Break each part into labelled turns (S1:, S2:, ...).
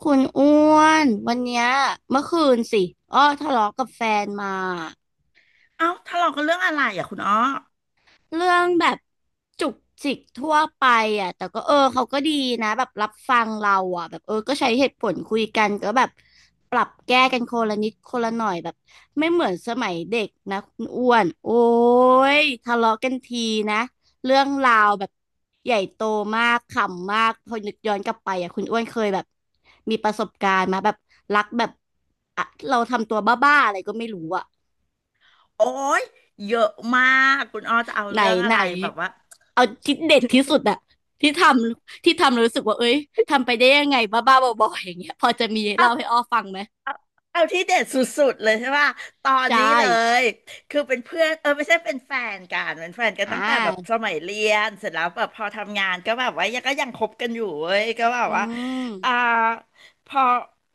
S1: คุณอ้วนวันเนี้ยเมื่อคืนสิอ้อทะเลาะกับแฟนมา
S2: เอ้าทะเลาะกันเรื่องอะไรอ่ะคุณอ้อ
S1: เรื่องแบบจุกจิกทั่วไปอ่ะแต่ก็เขาก็ดีนะแบบรับฟังเราอ่ะแบบก็ใช้เหตุผลคุยกันก็แบบปรับแก้กันคนละนิดคนละหน่อยแบบไม่เหมือนสมัยเด็กนะคุณอ้วนโอ้ยทะเลาะกันทีนะเรื่องราวแบบใหญ่โตมากขำมากพอนึกย้อนกลับไปอ่ะคุณอ้วนเคยแบบมีประสบการณ์มาแบบรักแบบอะเราทำตัวบ้าๆอะไรก็ไม่รู้อ่ะ
S2: โอ้ย เยอะมากคุณอ้อจะเอา
S1: ไหน
S2: เรื่องอะ
S1: ไหน
S2: ไรแบบว่า
S1: เอาที่เด็ดที่สุดอะที่ทที่ทำแล้วรู้สึกว่าเอ้ยทำไปได้ยังไงบ้าๆบอๆอย่างเงี้ยพอจะมีเล่าให้อ้อฟังไหม
S2: เอาที่เด็ดสุดๆเลยใช่ป่ะตอน
S1: ใช่
S2: นี้เลย คือเป็นเพื่อนไม่ใช่เป็นแฟนกัน
S1: อ่
S2: ตั้งแต่แบบส
S1: า
S2: มัยเรียน เสร็จแล้วแบบพอทำงานก็แบบว่ายังคบกันอยู่เว้ยก็แบ
S1: อื
S2: บว่า
S1: ม
S2: อ่าพอ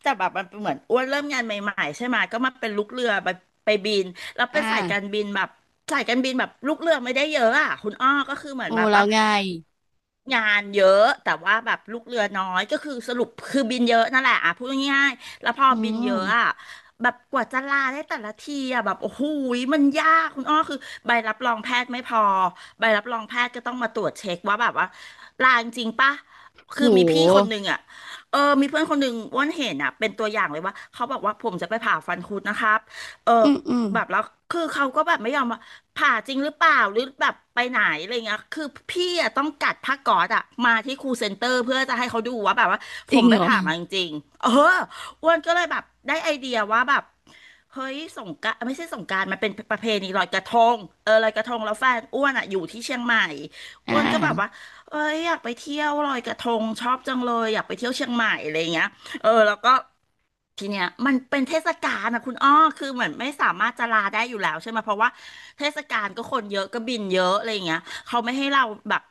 S2: แต่แบบมันเหมือนอ้วนเริ่มงานใหม่ๆใช่ไหมก็มาเป็นลูกเรือไปบินแล้ว
S1: อ่
S2: เป็นสายการ
S1: า
S2: บินแบบสายการบินแบบลูกเรือไม่ได้เยอะอ่ะคุณอ้อก็คือเหมือน
S1: โอ้
S2: แบบ
S1: แล้
S2: ว่า
S1: วไง
S2: งานเยอะแต่ว่าแบบลูกเรือน้อยก็คือสรุปคือบินเยอะนั่นแหละอ่ะพูดง่าย แล้วพอ
S1: อื
S2: บินเยอะอะ
S1: ม
S2: แบบกว่าจะลาได้แต่ละทีอะแบบโอ้โหยมันยากคุณอ้อคือใบรับรองแพทย์ไม่พอใบรับรองแพทย์ก็ต้องมาตรวจเช็คว่าแบบว่าลาจริงปะ
S1: โ
S2: คือมีพี่คน
S1: ห
S2: หนึ่งอะอมีเพื่อนคนหนึ่งอ้วนเห็นอ่ะเป็นตัวอย่างเลยว่าเขาบอกว่าผมจะไปผ่าฟันคุดนะครับเออ
S1: อืมอืม
S2: แบบแล้วคือเขาก็แบบไม่ยอมว่าผ่าจริงหรือเปล่าหรือแบบไปไหนอะไรเงี้ยคือพี่อ่ะต้องกัดผ้าก๊อซอ่ะมาที่ครูเซ็นเตอร์เพื่อจะให้เขาดูว่าแบบว่าผ
S1: จริ
S2: ม
S1: ง
S2: ไป
S1: เหรอ
S2: ผ่ามาจริงๆเออ อ้วนก็เลยแบบได้ไอเดียว่าแบบเฮ้ยสงกรานต์ไม่ใช่สงกรานต์มันเป็นประเพณีลอยกระทงเออลอยกระทงแล้วแฟนอ้วนอ่ะอยู่ที่เชียงใหม่อ้
S1: อ่า
S2: วนก็แบบว่าเอ้ยอยากไปเที่ยวลอยกระทงชอบจังเลยอยากไปเที่ยวเชียงใหม่อะไรเงี้ย เออแล้วก็ทีเนี้ยมันเป็นเทศกาลนะคุณอ้อคือเหมือนไม่สามารถจะลาได้อยู่แล้วใช่ไหมเพราะว่าเทศกาลก็คนเยอะก็บินเยอะอะไรอย่างเงี้ยเขาไม่ให้เราแบบ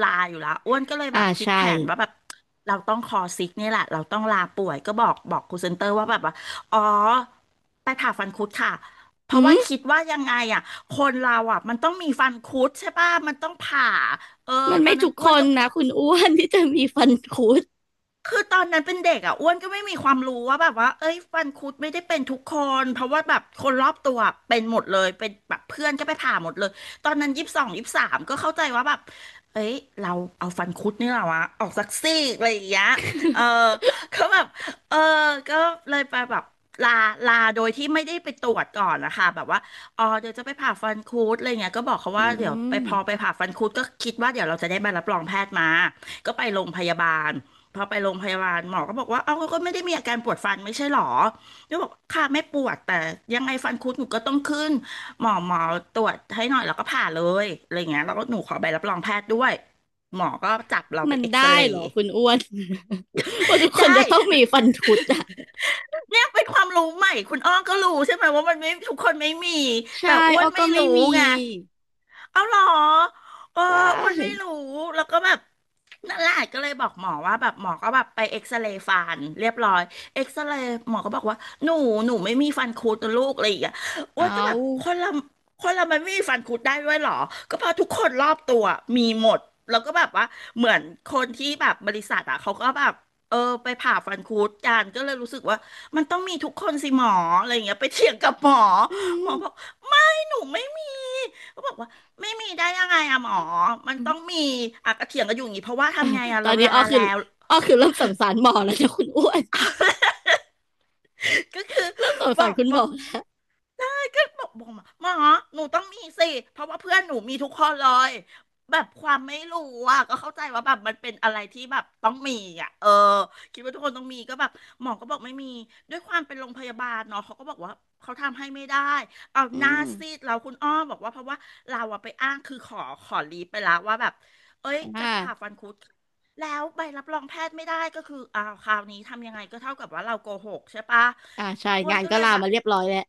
S2: ลาอยู่แล้วอ้วนก็เลย
S1: อ่า
S2: แบบคิด
S1: ใช่
S2: แผนว่าแบบเราต้องคอซิกเนี่ยแหละเราต้องลาป่วยก็บอกครูเซนเตอร์ว่าแบบว่าอ๋อไปผ่าฟันคุดค่ะเพ
S1: อื
S2: ราะว่า
S1: ม
S2: คิดว่ายังไงอ่ะคนเราอ่ะมันต้องมีฟันคุดใช่ป่ะมันต้องผ่าเออ
S1: มัน
S2: ตอ
S1: ไม่
S2: นนั้น
S1: ทุก
S2: อ้
S1: ค
S2: วน
S1: น
S2: ก็
S1: นะคุณอ้วนที่จะมีฟันคุด
S2: คือตอนนั้นเป็นเด็กอ่ะอ้วนก็ไม่มีความรู้ว่าแบบว่าเอ้ยฟันคุดไม่ได้เป็นทุกคนเพราะว่าแบบคนรอบตัวเป็นหมดเลยเป็นแบบเพื่อนก็ไปผ่าหมดเลยตอนนั้น22 23ก็เข้าใจว่าแบบเอ้ยเราเอาฟันคุดนี่แหละวะออกสักซี่อะไรอย่างเงี้ยเออก็แบบเออก็เลยไปแบบลาลาโดยที่ไม่ได้ไปตรวจก่อนนะคะแบบว่าอ๋อเดี๋ยวจะไปผ่าฟันคุดอะไรเงี้ยก็บอกเขา
S1: อื
S2: ว่าเดี๋ยวไป
S1: ม
S2: พอไปผ่าฟันคุดก็คิดว่าเดี๋ยวเราจะได้ใบรับรองแพทย์มาก็ไปโรงพยาบาล พอไปโรงพยาบาลหมอก็บอกว่าเอ้าก็ไม่ได้มีอาการปวดฟันไม่ใช่หรอก็บอกค่ะไม่ปวดแต่ยังไงฟันคุดหนูก็ต้องขึ้น หมอตรวจให้หน่อยแล้วก็ผ่าเลยอะไรเงี้ยแล้วก็หนูขอใบรับรองแพทย์ด้วย หมอก็จับเราไป
S1: มัน
S2: เอ็กซ
S1: ได้
S2: เร
S1: เหร
S2: ย์
S1: อคุณอ้วน ว่าทุก คน
S2: ได้
S1: จะต้องมีฟันคุดอะ
S2: แล้วเป็นความรู้ใหม่ คุณอ้อก็รู้ใช่ไหมว่ามันไม่ทุกคนไม่มี
S1: ใช่
S2: แต่อ้ว
S1: อ้
S2: น
S1: อ
S2: ไม่
S1: ก็ไม่
S2: รู้
S1: มี
S2: ไง เอาเหรอเออ
S1: ใช่
S2: อ้วนไม่รู้ แล้วก็แบบนั่นแหละก็เลยบอกหมอว่าแบบหมอก็แบบไปเอ็กซเรย์ฟันเรียบร้อยเอ็กซเรย์หมอก็บอกว่าหนูหนูไม่มีฟันคุดนะลูกอะไรอย่างเงี้ยอ้
S1: เอ
S2: วนก็แบ
S1: า
S2: บคนเรามันไม่มีฟันคุดได้ด้วยเหรอ ก็เพราะทุกคนรอบตัวมีหมด แล้วก็แบบว่าเหมือนคนที่แบบบริษัทอ่ะเขาก็แบบเออไปผ่าฟันคุดกันก็เลยรู้สึกว่ามันต้องมีทุกคนสิหมออะไรอย่างเงี้ยไปเถียงกับหมอ
S1: อื
S2: หม
S1: ม
S2: อบอกไม่หนูไม่มีก็บอกว่า ไม่มีได้ยังไงอะหมอมันต้องมีอะกระเถียงกันอยู่อย่างนี้เพราะว่าทำไงอะ
S1: ตอ
S2: เรา
S1: นนี้
S2: ลา
S1: อ้อคือ
S2: แล้ว
S1: อ้อคือเริ่มสงสารหมอแล้วนะคุณอ้วน
S2: ก็คือ
S1: เริ่มสง
S2: บ
S1: สา
S2: อ
S1: ร
S2: ก
S1: คุณห
S2: บ
S1: ม
S2: อก
S1: อ้ว
S2: ได้ก็บอกหมอหนูต้องมีสิเพราะว่าเพื่อนหนูมีทุกคนเลยแบบความไม่รู้อ่ะก็เข้าใจว่าแบบมันเป็นอะไรที่แบบต้องมีอ่ะเออคิดว่าทุกคนต้องมีก็แบบหมอก็บอกไม่มีด้วยความเป็นโรงพยาบาลเนาะเขาก็บอกว่าเขาทำให้ไม่ได้เอาห
S1: อื
S2: น้า
S1: ม
S2: ซีดเราคุณอ้อบอกว่าเพราะว่าเราอะไปอ้างคือขอลีฟไปแล้วว่าแบบเอ้ย
S1: อ
S2: จะผ่าฟั
S1: ่า
S2: นคุด แล้วใบรับรองแพทย์ไม่ได้ก็คืออ้าวคราวนี้ทำยังไงก็เท่ากับว่าเราโกหกใช่ปะ
S1: อ่าใช่
S2: อ้วน
S1: งาน
S2: ก็
S1: ก็
S2: เลย
S1: ลา
S2: แบบ
S1: มาเรียบร้อยแล้ว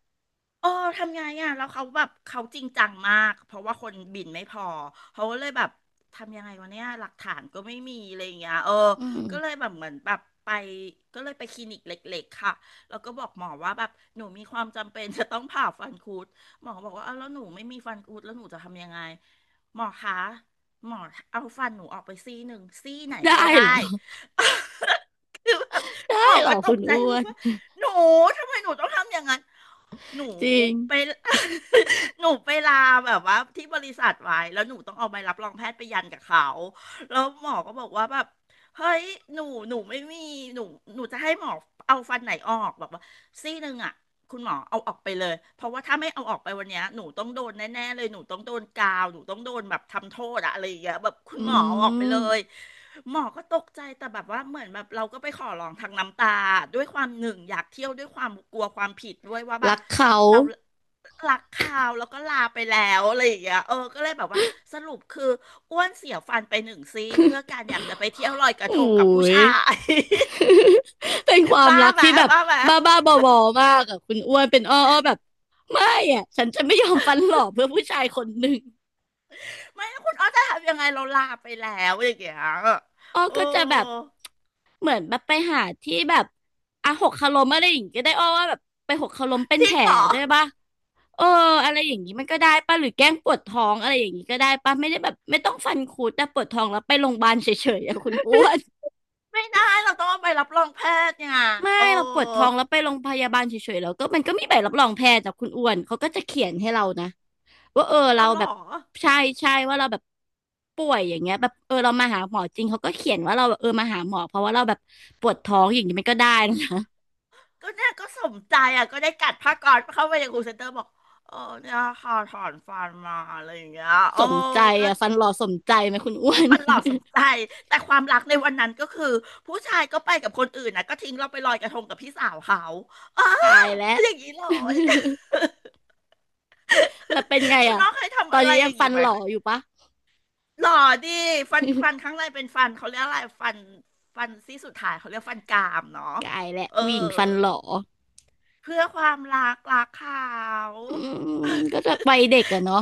S2: เออทำไงอ่ะแล้วเขาแบบเขาจริงจังมากเพราะว่าคนบินไม่พอเขาก็เลยแบบทำยังไงวะเนี่ยหลักฐานก็ไม่มีอะไรอย่างเงี้ย
S1: อืม
S2: ก็เลยแบบเหมือนแบบไปก็เลยไปคลินิกเล็กๆค่ะแล้วก็บอกหมอว่าแบบหนูมีความจำเป็น จะต้องผ่าฟันคุดหมอบอกว่าอ้าวแล้วหนูไม่มีฟันคุดแล้วหนูจะทำยังไงหมอคะหมอเอาฟันหนูออกไปซี่หนึ่งซี่ไหน
S1: ได้
S2: ก็ได้
S1: เหรอ
S2: คือแบบ
S1: ได้
S2: หมอ
S1: เหรอ
S2: ก็ต
S1: คุ
S2: ก
S1: ณ
S2: ใจ
S1: อ้ว
S2: มาก
S1: น
S2: ว่า หนูทำไมหนูต้องทำอย่างนั้นหนู
S1: จริ
S2: ไป
S1: ง
S2: หนูไปลาแบบว่าที่บริษัทไว้แล้วหนูต้องเอาใบรับรองแพทย์ไปยันกับเขาแล้วหมอก็บอกว่าแบบเฮ้ยหนูหนูไม่มีหนูหนูจะให้หมอเอาฟันไหนออกบอกว่าซี่หนึ่งอ่ะ คุณหมอเอาออกไปเลยเพราะว่าถ้าไม่เอาออกไปวันเนี้ยหนูต้องโดนแน่ๆเลยหนูต้องโดนกาวหนูต้องโดนแบบทำโทษอะอะไรอย่างเงี้ยแบบคุณ
S1: อื
S2: หมอเอาออกไปเล
S1: ม
S2: ยหมอก็ตกใจแต่แบบว่าเหมือนแบบเราก็ไปขอร้องทางน้ำตาด้วยความหนึ่งอยากเที่ยวด้วยความกลัวความผิดด้วยว่าแบ
S1: รั
S2: บ
S1: กเขา
S2: เรารักเขาแล้วก็ลาไปแล้วอะไรอย่างเงี้ยก็เลยแบบว่าสรุปคืออ้วนเสียฟันไปหนึ่งซี่เพื่อการอยากจะไปเที่ยวลอยกระ
S1: อุ้
S2: ทงกับผู้
S1: ย
S2: ชาย
S1: เป็นควา ม
S2: บ้า
S1: รัก
S2: ไหม
S1: ที่แบบ
S2: บ้าไหม
S1: บ้าๆบอๆมากอะคุณอ้วนเป็นอ้ออ้อแบบไม่อะฉันจะไม่ยอมฟันหลอกเพื่อผู้ชายคนหนึ่ง
S2: ไม่แล้วคุณอ้อจะทำยังไงเราลาไปแล้วอย่างเงี้ย
S1: อ้อ
S2: โอ้
S1: ก็จะแบบ เหมือนแบบไปหาที่แบบอ่ะหกคาลมอะไรอย่างงี้ก็ได้อ้อว่าแบบไปหกคาลมเป็น
S2: จริ
S1: แผ
S2: ง
S1: ล
S2: เหรอ
S1: ด้วยป่ะเอออะไรอย่างงี้มันก็ได้ป่ะหรือแกล้งปวดท้องอะไรอย่างงี้ก็ได้ป่ะไม่ได้แบบไม่ต้องฟันคุดแต่ปวดท้องแล้วไปโรงพยาบาลเฉยๆอะคุณอ้วน
S2: ไม่ได้เราต้องเอาไปรับรองแพทย์เนี่ย
S1: ไม่
S2: โอ้
S1: เราปวดท้องแล้วไปโรงพยาบาลเฉยๆแล้วก็มันก็มีใบรับรองแพทย์จากคุณอ้วนเขาก็จะเขียนให้เรานะว่า
S2: เอา
S1: เรา
S2: เหร
S1: แบ
S2: อ
S1: บใช่ใช่ว่าเราแบบป่วยอย่างเงี้ยแบบเรามาหาหมอจริงเขาก็เขียนว่าเราแบบมาหาหมอเพราะว่าเราแบบปวดท้องอย่างนี้มันก็ได้นะ
S2: ก็เนี่ยก็สมใจอ่ะก็ได้กัดผ้าก๊อซเข้าไปในครูเซ็นเตอร์บอกเออเนี่ยค่ะถอนฟันมาอะไรอย่างเงี้ยโอ้
S1: สมใจ
S2: ก็
S1: อ่ะฟันหล่อสมใจไหมคุณอ้วน
S2: มันหลอกสมใจแต่ความรักในวันนั้นก็คือผู้ชายก็ไปกับคนอื่นนะก็ทิ้งเราไปลอยกระทงกับพี่สาวเขาเออ
S1: ตายแล้ว
S2: อย่างนี้เลย
S1: แล้วเป็นไง
S2: คุณ
S1: อ่ะ
S2: อ้อเคย
S1: ต
S2: ทำ
S1: อน
S2: อะไร
S1: นี้
S2: อ
S1: ยัง
S2: ย่าง
S1: ฟั
S2: นี้
S1: น
S2: ไหม
S1: หล่อ
S2: เค
S1: อยู่ปะ
S2: หล่อดิฟันข้า งในเป็นฟันเขาเรียกอะไรฟันซี่สุดท้ายเขาเรียกฟันกรามเนาะ
S1: กายแหละ
S2: เออ
S1: ผู้หญิงฟันหล่อ
S2: เพื่อความรักรักเขา
S1: อืมก็จะ วัยเด็กอะเนาะ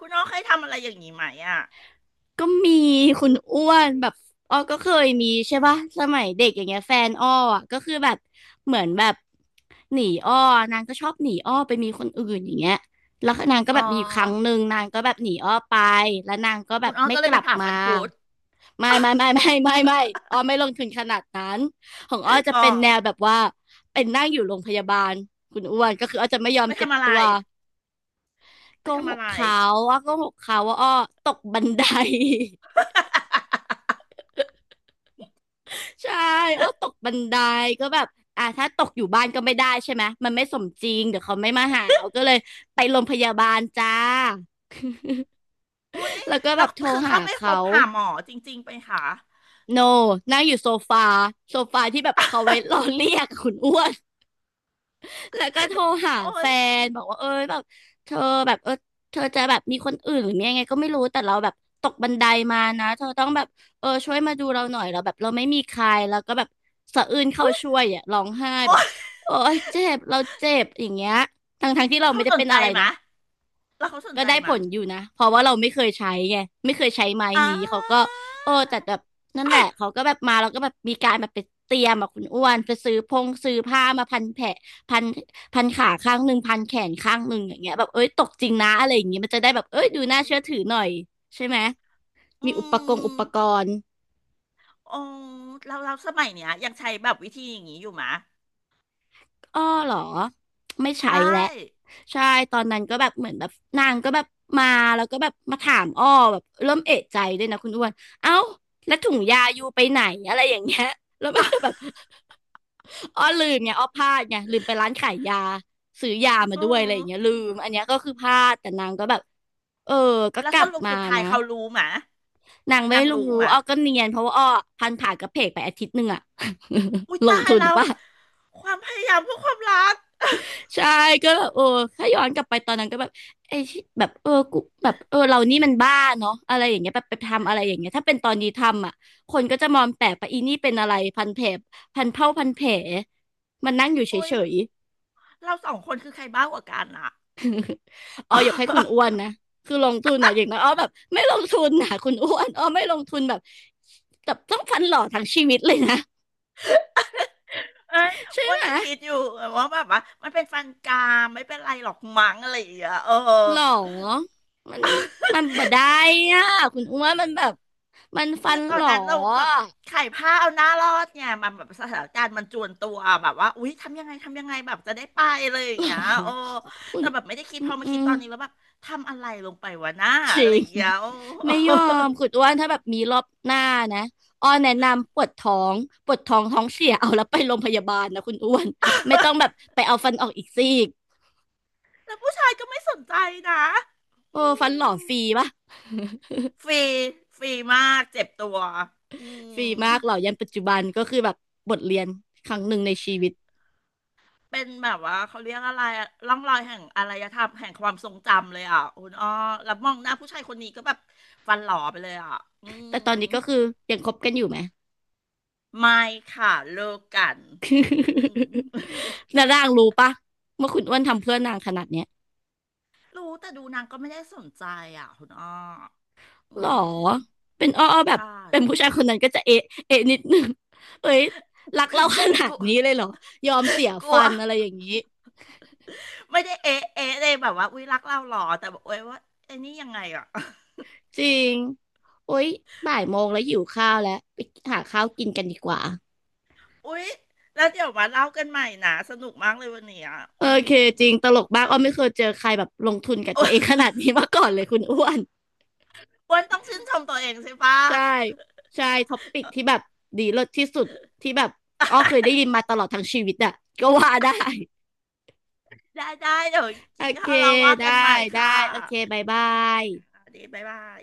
S2: คุณอ้อเคยทำอะไรอย่างนี้ไหมอ่ะ
S1: ก็มีคุณอ้วนแบบอ้อก็เคยมีใช่ปะสมัยเด็กอย่างเงี้ยแฟนอ้ออะก็คือแบบเหมือนแบบหนีอ้อนางก็ชอบหนีอ้อไปมีคนอื่นอย่างเงี้ยแล้วนางก็
S2: อ๋อ
S1: แบบมีอยู่ครั้งหนึ่งนางก็แบบหนีอ้อไปแล้วนางก็แบ
S2: คุ
S1: บ
S2: ณอ้อ
S1: ไม่
S2: ก็เล
S1: ก
S2: ยไป
S1: ลับ
S2: ผ่า
S1: มา
S2: ฟันคุด
S1: ไม่อ้อไม่ลงทุนขนาดนั้นของอ้อจะ
S2: อ๋อ
S1: เป็นแนวแบบว่าเป็นนั่งอยู่โรงพยาบาลคุณอ้วนก็คืออ้อจะไม่ยอ
S2: ไป
S1: มเจ็บ
S2: ทำอะไร
S1: ตัวโก
S2: ไป
S1: ห
S2: ทำอะ
S1: ก
S2: ไร
S1: เขาอ้อโกหกเขาว่าอ้อตกบันได ใช่อ้อตกบันไดก็แบบอ่ะถ้าตกอยู่บ้านก็ไม่ได้ใช่ไหมมันไม่สมจริงเดี๋ยวเขาไม่มาหาเอาก็เลยไปโรงพยาบาลจ้า
S2: โอ้ ย
S1: แล้วก็แบ
S2: เรา
S1: บโทร
S2: คือ
S1: หา
S2: เขาไปพ
S1: เขา
S2: บผ่าหมอจริงๆไปค่ะ
S1: โนนั่งอยู่โซฟาโซฟาที่แบบเขาไว้ รอเรียกคุณอ้วน แล้วก็โทรหา
S2: โอ้
S1: แฟ
S2: ย
S1: นบอกว่าแบบเธอแบบเธอจะแบบมีคนอื่นหรือมียังไงก็ไม่รู้แต่เราแบบตกบันไดมานะเธอต้องแบบช่วยมาดูเราหน่อยเราแบบเราไม่มีใครแล้วก็แบบสะอื้นเข้า
S2: อุ๊ย
S1: ช่วยอ่ะร้องไห้แบ
S2: โอ้
S1: บ
S2: ย
S1: โอ๊ยเจ็บเราเจ็บอย่างเงี้ยทั้งที่เรา
S2: เขา
S1: ไม่ได้
S2: สน
S1: เป็น
S2: ใจ
S1: อะไร
S2: ไห
S1: นะ
S2: มะแล้วเขาสน
S1: ก็
S2: ใจ
S1: ได้
S2: ไห
S1: ผ
S2: มะ
S1: ลอยู่นะเพราะว่าเราไม่เคยใช้ไงไม่เคยใช้ไม้
S2: อ่
S1: นี้เขาก็
S2: า
S1: แต่แบบนั่นแหละเขาก็แบบมาเราก็แบบมีการแบบไปเตรียมแบบคุณอ้วนไปซื้อพงซื้อผ้ามาพันแผลพันพันขาข้างหนึ่งพันแขนข้างหนึ่งอย่างเงี้ยแบบเอ้ยตกจริงนะอะไรอย่างเงี้ยมันจะได้แบบเอ้ยดู
S2: อื
S1: น่า
S2: ม
S1: เชื่อถือหน่อยใช่ไหม มี
S2: อื
S1: อุปกรณ์อุ
S2: ม
S1: ปกรณ์
S2: โอ้เราเราสมัยเนี้ยยังใช้แบบวิธีอย่างนี้อยู่มะ
S1: อ้อเหรอไม่
S2: ใช
S1: ใช้แหละ
S2: ่
S1: ใช่ตอนนั้นก็แบบเหมือนแบบนางก็แบบมาแล้วก็แบบมาถามอ้อแบบเริ่มเอะใจด้วยนะคุณอ้วนเอ้าแล้วถุงยาอยู่ไปไหนอะไรอย่างเงี้ย แล้วมันจะแบบ อ้อลืมไงอ้อพลาดไงลืมไปร้านขายยาซื้อยามา
S2: โอ้
S1: ด้วยอะไรอย่างเงี้ยลืมอันเนี้ยก็คือพลาดแต่นางก็แบบเออก็
S2: แล้ว
S1: กลั
S2: ส
S1: บ
S2: รุป
S1: มา
S2: สุดท้าย
S1: นะ
S2: เขารู้มะ
S1: นางไม่
S2: นาง
S1: รู้
S2: รู้มะ
S1: อ้อก็เนียนเพราะว่าอ้อพันผ่ากระเพกไปอาทิตย์หนึ่งอะ
S2: อุ้ย
S1: ลง
S2: ตาย
S1: ทุน
S2: แล้ว
S1: ป่ะ
S2: ความพยายามเพื่อความรัก
S1: ใช่ก็แบบถ้าย้อนกลับไปตอนนั้นก็แบบไอ้ที่แบบกูแบบเรานี่มันบ้าเนาะอะไรอย่างเงี้ยแบบไปทำอะไรอย่างเงี้ยถ้าเป็นตอนนี้ทำอ่ะคนก็จะมองแปลกไปอีนี่เป็นอะไรพันแผลพันเผาพันแผลมันนั่งอยู่เฉ
S2: โอ้ย
S1: ย
S2: เราสองคนคือใครบ้ากว่ากันอ่ะ
S1: ๆอ๋อยกให้คุณอ้วน นะคือลงทุนอ่ะอย่างนั้นอ๋อแบบไม่ลงทุนนะคุณอ้วนอ๋อไม่ลงทุนแบบแบบต้องฟันหล่อทั้งชีวิตเลยนะ
S2: เอ้ย
S1: ใช่
S2: อ้วน
S1: ไหม
S2: ก็คิดอยู่ว่าแบบว่ามันเป็นฟันกรามไม่เป็นไรหรอกมั้งอะไรอย่างเงี้ย
S1: หรอมันมันบ่ได้อ่ะคุณอ้วนมันแบบมันฟั
S2: คือ
S1: น
S2: ตอ
S1: หร
S2: น
S1: อ
S2: นั้นเราแบบไขผ้าเอาหน้ารอดเนี่ยมันแบบสถานการณ์มันจวนตัวแบบว่าอุ๊ยทำยังไงทำยังไงแบบจะได้ไปเลยอ
S1: ห
S2: ย่า
S1: ร
S2: งเงี้ยโอ้
S1: อคุณ
S2: แต่แบบไม่ได้คิด
S1: อื
S2: พ
S1: ม
S2: อมา
S1: อื
S2: คิด
S1: ม
S2: ตอนนี้แล้วแบบทำอะไรลงไปวะหน้า
S1: จริ
S2: อะไรอ
S1: ง
S2: ย่างเงี้ยโอ้
S1: ไม่ยอมคุณอ้วนถ้าแบบมีรอบหน้านะอ้อแนะนำปวดท้องปวดท้องท้องเสียเอาแล้วไปโรงพยาบาลนะคุณอ้วนไม่ต้องแบบไปเอาฟันออกอีกซี่ก
S2: แล้วผู้ชายก็ไม่สนใจนะ
S1: โอ้
S2: อื
S1: ฟันหล่อ
S2: ม
S1: ฟรีปะ
S2: ฟรีฟรีมากเจ็บตัวอื
S1: ฟรี
S2: ม
S1: มากหล่อยันปัจจุบันก็คือแบบบทเรียนครั้งหนึ่งในชีวิต
S2: เป็นแบบว่าเขาเรียกอะไรอะร่องรอยแห่งอารยธรรมแห่งความทรงจำเลยอ่ะคุณอ้อแล้วมองหน้าผู้ชายคนนี้ก็แบบฟันหล่อไปเลยอ่ะอื
S1: แต่
S2: ม
S1: ตอนนี้ก็คือยังคบกันอยู่ไหม
S2: ไม่ค่ะเลิกกันอืม
S1: แล้ว นางรู้ปะว่าคุณอ้วนทำเพื่อนนางขนาดเนี้ย
S2: รู้แต่ดูนางก็ไม่ได้สนใจอ่ะคุณอ้ออื
S1: หรอ
S2: ม
S1: เป็นอ้ออ้อแบบ
S2: ใช่
S1: เป็นผู้ชายคนนั้นก็จะเอะเอะนิดนึง เอ้ยรักเราขนา
S2: ก
S1: ด
S2: ลัว
S1: นี้เลยเหรอยอมเสีย
S2: กลั
S1: ฟั
S2: ว
S1: นอะไรอย่างนี้
S2: ไม่ได้เอ๊ะเอ๊ะเลยแบบว่าอุ๊ยรักเราหรอแต่บอกเอ้ยว่าไอ้นี่ยังไงอ่ะ
S1: จริงโอ๊ยบ่ายโมงแล้วหิวข้าวแล้วไปหาข้าวกินกันดีกว่า
S2: อุ๊ยแล้วเดี๋ยวมาเล่ากันใหม่นะสนุกมากเลยวันนี้ย
S1: โอ
S2: อื
S1: เค
S2: ม
S1: จริงตลกมากอ้อไม่เคยเจอใครแบบลงทุนกับ ตัวเอง
S2: อ้
S1: ขนาดนี้มาก่อนเลยคุณอ้วน
S2: วันต้องชื่นชมตัวเองใช่ปะ
S1: ใช่ใช่ท็อปปิกที่แบบดีเลิศที่สุดที่แบบอ้อเคยได้ยินมาตลอดทั้งชีวิตอะก็ว่าได้
S2: ได้ได้เดี๋ยว
S1: โอ
S2: กิน
S1: เค
S2: ข้าวเราว่า
S1: ได้
S2: กันใหม่
S1: ได้
S2: ค่ะ
S1: โอเคบายบาย
S2: อ่ะดีบ๊ายบาย